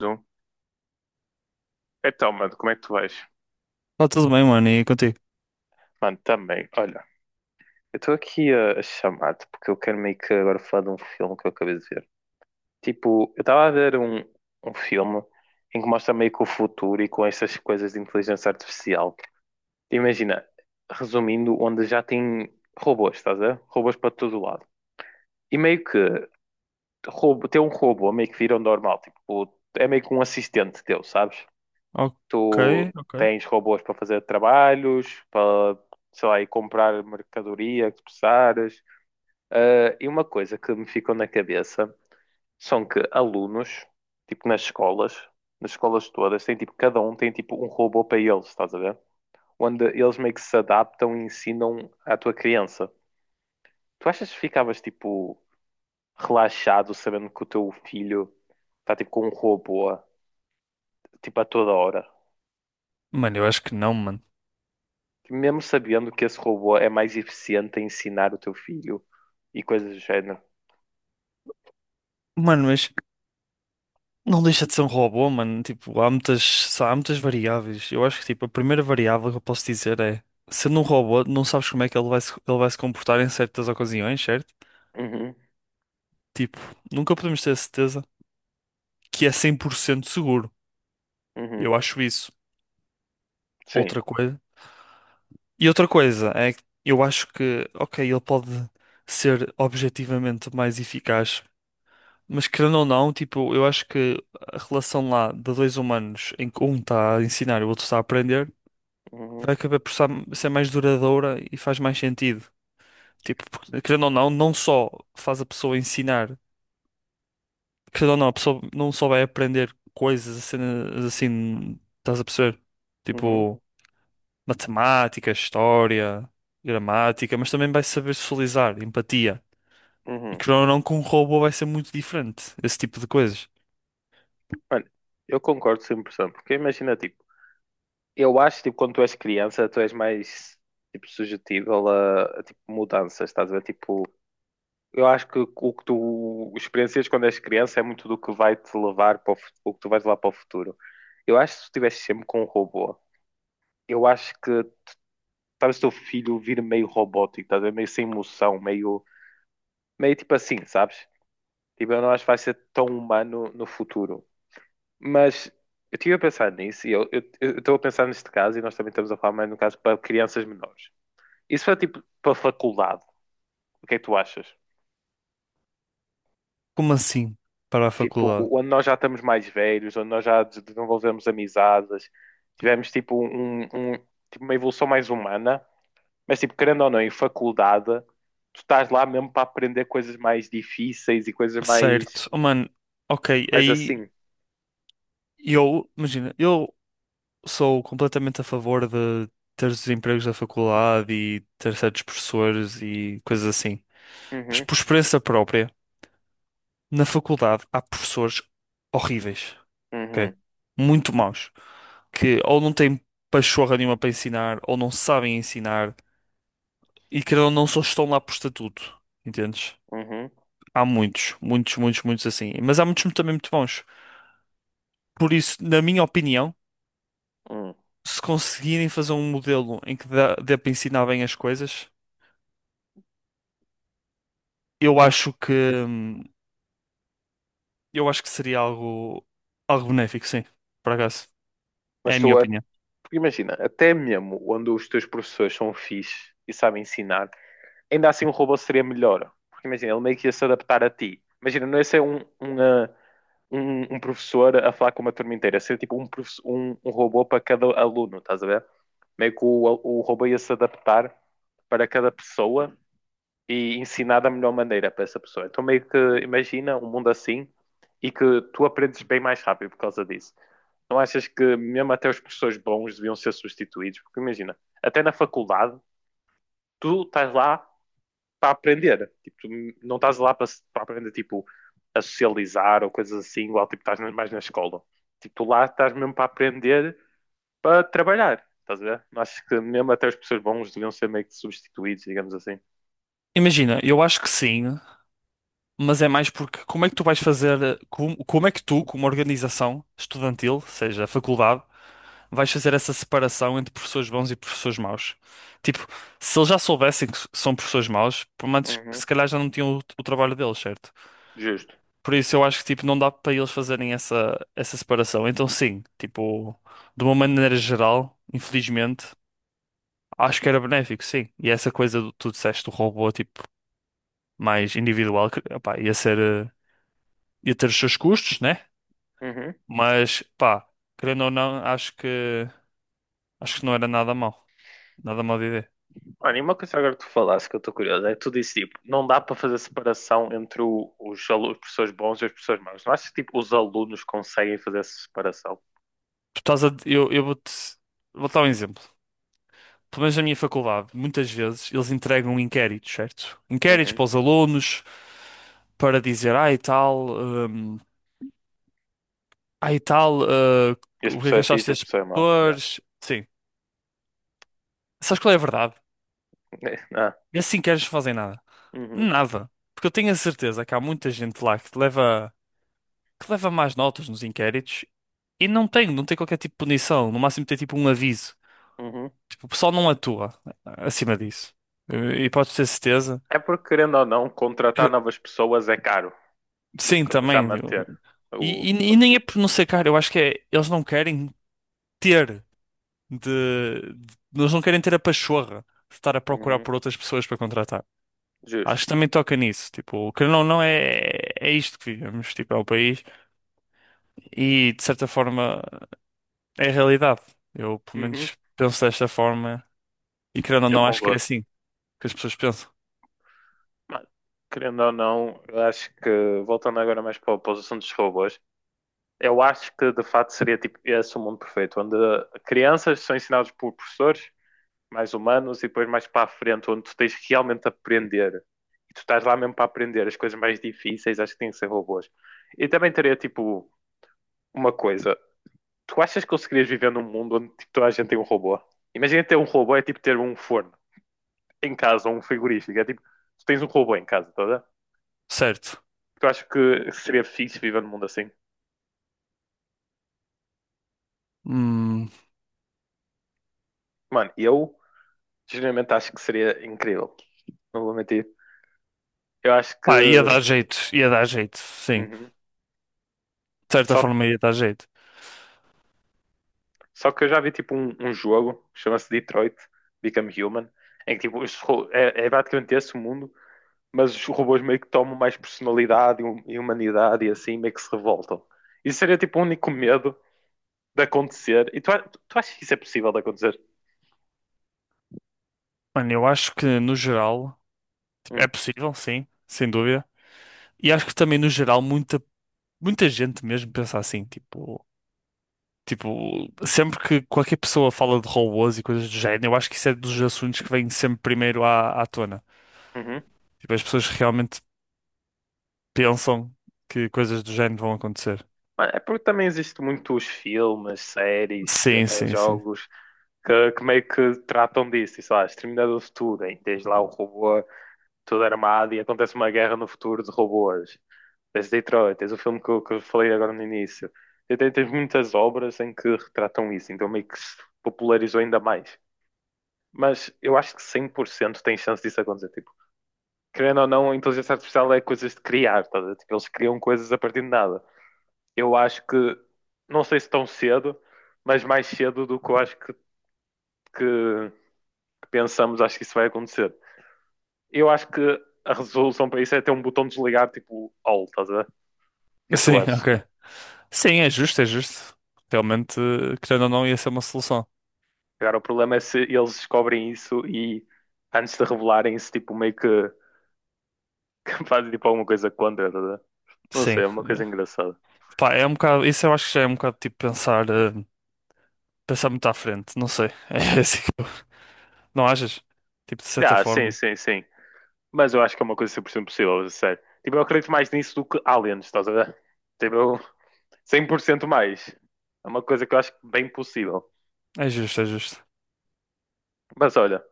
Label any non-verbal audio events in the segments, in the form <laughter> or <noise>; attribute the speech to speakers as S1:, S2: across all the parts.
S1: Um. Então, mano, como é que tu vais?
S2: Tá tudo bem, mano, e contigo?
S1: Mano, também, olha, eu estou aqui a chamar-te porque eu quero meio que agora falar de um filme que eu acabei de ver. Tipo, eu estava a ver um filme em que mostra meio que o futuro e com essas coisas de inteligência artificial. Imagina, resumindo, onde já tem robôs, estás a ver? Robôs para todo lado. E meio que ter um robô meio que vira o normal, tipo, é meio que um assistente teu, sabes?
S2: Ok,
S1: Tu
S2: ok.
S1: tens robôs para fazer trabalhos, para, sei lá, ir comprar mercadoria que precisares. Ah, e uma coisa que me ficou na cabeça são que alunos, tipo nas escolas todas, tem tipo, cada um tem tipo um robô para eles, estás a ver? Onde eles meio que se adaptam e ensinam à tua criança. Tu achas que ficavas tipo relaxado sabendo que o teu filho está tipo com um robô, tipo a toda hora?
S2: Mano, eu acho que não, mano.
S1: Que mesmo sabendo que esse robô é mais eficiente a ensinar o teu filho e coisas do género.
S2: Mano, mas não deixa de ser um robô, mano. Tipo, há muitas variáveis. Eu acho que, tipo, a primeira variável que eu posso dizer é, sendo um robô, não sabes como é que ele vai se comportar em certas ocasiões, certo?
S1: Uhum,
S2: Tipo, nunca podemos ter a certeza que é 100% seguro.
S1: uhum,
S2: Eu acho isso.
S1: sim.
S2: Outra coisa. E outra coisa é que eu acho que, ok, ele pode ser objetivamente mais eficaz. Mas querendo ou não, tipo, eu acho que a relação lá de dois humanos em que um está a ensinar e o outro está a aprender
S1: Uhum,
S2: vai acabar ser mais duradoura e faz mais sentido. Tipo, porque, querendo ou não, não só faz a pessoa ensinar, querendo ou não, a pessoa não só vai aprender coisas assim, assim, estás a perceber?
S1: uhum,
S2: Tipo, matemática, história, gramática, mas também vai saber socializar, empatia. E
S1: uhum.
S2: querendo ou não, com um robô vai ser muito diferente esse tipo de coisas.
S1: Olha, eu concordo 100%, porque imagina, tipo, eu acho, tipo, quando tu és criança, tu és mais, tipo, sujetível tipo, mudanças, estás a ver? Tipo, eu acho que o que tu experiencias quando és criança é muito do que vai te levar para o que tu vais levar para o futuro. Eu acho que se tu estivesse sempre com um robô, eu acho que talvez o teu filho vir meio robótico, estás a ver? Meio sem emoção, meio, meio tipo assim, sabes? Tipo, eu não acho que vai ser tão humano no futuro. Mas eu estive a pensar nisso e eu estou a pensar neste caso, e nós também estamos a falar mais no caso para crianças menores. Isso é tipo para faculdade, o que é que tu achas?
S2: Como assim? Para a
S1: Tipo,
S2: faculdade.
S1: onde nós já estamos mais velhos, onde nós já desenvolvemos amizades, tivemos tipo, tipo, uma evolução mais humana, mas tipo, querendo ou não, em faculdade, tu estás lá mesmo para aprender coisas mais difíceis e coisas mais,
S2: Certo. Oh, mano, ok,
S1: mais
S2: aí
S1: assim.
S2: eu, imagina, eu sou completamente a favor de ter os empregos da faculdade e ter certos professores e coisas assim. Mas
S1: Uhum,
S2: por experiência própria, na faculdade há professores horríveis, ok?
S1: uhum,
S2: Muito maus, que ou não têm pachorra nenhuma para ensinar, ou não sabem ensinar, e querendo ou não, só estão lá por estatuto, entendes?
S1: uhum,
S2: Há muitos, muitos, muitos, muitos assim. Mas há muitos também muito bons. Por isso, na minha opinião,
S1: uhum.
S2: se conseguirem fazer um modelo em que dê para ensinar bem as coisas, eu acho que hum, eu acho que seria algo algo benéfico, sim. Por acaso, é
S1: Mas
S2: a minha
S1: tu, a-
S2: opinião.
S1: Porque imagina, até mesmo quando os teus professores são fixe e sabem ensinar, ainda assim o robô seria melhor. Porque imagina, ele meio que ia se adaptar a ti. Imagina, não ia ser um professor a falar com uma turma inteira, ser tipo um robô para cada aluno, estás a ver? Meio que o robô ia se adaptar para cada pessoa e ensinar da melhor maneira para essa pessoa. Então, meio que imagina um mundo assim e que tu aprendes bem mais rápido por causa disso. Não achas que mesmo até os professores bons deviam ser substituídos? Porque imagina, até na faculdade, tu estás lá para aprender. Tipo, tu não estás lá para aprender tipo, a socializar ou coisas assim, igual tipo, estás mais na escola. Tipo, tu lá estás mesmo para aprender para trabalhar. Estás a ver? Acho que mesmo até os professores bons deviam ser meio que substituídos, digamos assim.
S2: Imagina, eu acho que sim, mas é mais porque como é que tu vais fazer, como é que tu, como organização estudantil, seja a faculdade, vais fazer essa separação entre professores bons e professores maus? Tipo, se eles já soubessem que são professores maus, por menos que
S1: Uhum,
S2: se calhar já não tinham o trabalho deles, certo?
S1: justo.
S2: Por isso eu acho que tipo não dá para eles fazerem essa separação. Então sim, tipo, de uma maneira geral, infelizmente, acho que era benéfico, sim. E essa coisa do tu disseste, do robô tipo mais individual, que, opá, ia ser eh, ia ter os seus custos, né?
S1: Uhum.
S2: Mas pá, querendo ou não, acho que não era nada mal. Nada mal de ideia.
S1: Olha, e uma coisa agora que tu falaste que eu estou curioso é que tu disse tipo, não dá para fazer separação entre os professores bons e os professores maus. Não achas que tipo, os alunos conseguem fazer essa separação?
S2: Tu estás a eu vou-te Vou dar um exemplo. Pelo menos na minha faculdade, muitas vezes eles entregam inquéritos, certo? Inquéritos
S1: Uhum.
S2: para os alunos para dizer, hum, ai e tal,
S1: Este
S2: o que é
S1: professor
S2: que
S1: é
S2: achaste
S1: fixe, este
S2: destes
S1: professor é mau. Yeah.
S2: professores? Sim. Sabes qual é a verdade?
S1: <laughs> Ah.
S2: Esses inquéritos não fazem nada.
S1: Uhum.
S2: Nada. Porque eu tenho a certeza que há muita gente lá que leva mais notas nos inquéritos e não tem qualquer tipo de punição. No máximo tem tipo um aviso.
S1: Uhum.
S2: Tipo, o pessoal não atua acima disso. E podes ter certeza.
S1: É porque, querendo ou não, contratar
S2: que-
S1: novas pessoas é caro do
S2: Sim,
S1: que já
S2: também.
S1: manter
S2: E,
S1: o
S2: e- e nem é
S1: contigo.
S2: por não ser caro, eu acho que é. Eles não querem ter de, de- eles não querem ter a pachorra de estar a procurar
S1: Uhum.
S2: por outras pessoas para contratar. Acho
S1: Justo.
S2: que também toca nisso. Tipo, querendo ou não, é isto que vivemos. Tipo, é o país. E, de certa forma, é a realidade. Eu, pelo
S1: Uhum.
S2: menos, penso desta forma. E, querendo ou
S1: Eu
S2: não, acho que é
S1: concordo.
S2: assim que as pessoas pensam.
S1: Mas, querendo ou não, eu acho que, voltando agora mais para a posição dos robôs, eu acho que de facto seria tipo esse o mundo perfeito, onde crianças são ensinadas por professores mais humanos e depois mais para a frente, onde tu tens que realmente aprender. E tu estás lá mesmo para aprender as coisas mais difíceis, acho que tem que ser robôs. E também teria tipo uma coisa, tu achas que conseguirias viver num mundo onde tipo, toda a gente tem um robô? Imagina ter um robô é tipo ter um forno em casa ou um frigorífico. É tipo, tu tens um robô em casa, toda.
S2: Certo.
S1: Tu achas que seria fixe viver num mundo assim?
S2: Hum,
S1: Mano, eu genuinamente acho que seria incrível. Não vou mentir. Eu acho que.
S2: pá, ia
S1: Uhum.
S2: dar jeito. Ia dar jeito, sim. De certa
S1: Só,
S2: forma, ia dar jeito.
S1: só que eu já vi tipo um jogo, chama-se Detroit Become Human, em que tipo, é, é praticamente esse o mundo, mas os robôs meio que tomam mais personalidade e humanidade e assim meio que se revoltam. Isso seria tipo o único medo de acontecer. E tu achas que isso é possível de acontecer?
S2: Mano, eu acho que, no geral. É
S1: Hum,
S2: possível, sim, sem dúvida. E acho que também, no geral, muita gente mesmo pensa assim, tipo, sempre que qualquer pessoa fala de robôs e coisas do género, eu acho que isso é dos assuntos que vem sempre primeiro à tona.
S1: uhum.
S2: Tipo, as pessoas realmente pensam que coisas do género vão acontecer.
S1: É porque também existem muitos filmes, séries,
S2: Sim,
S1: até
S2: sim, sim.
S1: jogos que meio que tratam disso. E, sei lá, Exterminador do Futuro, hein? Que tens lá o robô todo armado e acontece uma guerra no futuro de robôs. Tens Detroit, tens o filme que, que eu falei agora no início. E tens muitas obras em que retratam isso, então meio que se popularizou ainda mais. Mas eu acho que 100% tem chance disso acontecer. Tipo, querendo ou não, a inteligência artificial é coisas de criar, tá? A ver? Tipo, eles criam coisas a partir de nada. Eu acho que, não sei se tão cedo, mas mais cedo do que eu acho que- que pensamos, acho que isso vai acontecer. Eu acho que a resolução para isso é ter um botão de desligar, tipo, all, estás a ver? O que
S2: <laughs>
S1: é que tu
S2: Sim,
S1: achas?
S2: ok. Sim, é justo, é justo. Realmente, querendo ou não, ia ser uma solução.
S1: Agora, o problema é se eles descobrem isso e, antes de revelarem isso, tipo, meio que, <laughs> que fazem tipo, alguma coisa contra, estás a ver? Não sei,
S2: Sim.
S1: é uma coisa
S2: É.
S1: engraçada.
S2: Pá, é um bocado, isso eu acho que já é um bocado tipo pensar, pensar muito à frente, não sei. <laughs> É assim. Não achas? Tipo, de certa
S1: Ah, sim,
S2: forma.
S1: sim, sim. Mas eu acho que é uma coisa 100% possível, a sério. Tipo, eu acredito mais nisso do que aliens, estás a ver? Tipo, eu- 100% mais. É uma coisa que eu acho bem possível.
S2: É justo, é justo.
S1: Mas olha,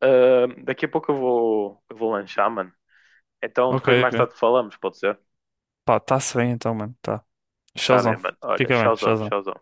S1: ah, daqui a pouco eu vou lanchar, mano. Então
S2: Ok,
S1: depois mais
S2: ok.
S1: tarde falamos, pode ser?
S2: Pá, tá-se bem então, mano. Tá.
S1: Tá bem,
S2: Showzão.
S1: mano. Olha,
S2: Fica bem,
S1: tchauzão,
S2: showzão.
S1: tchauzão.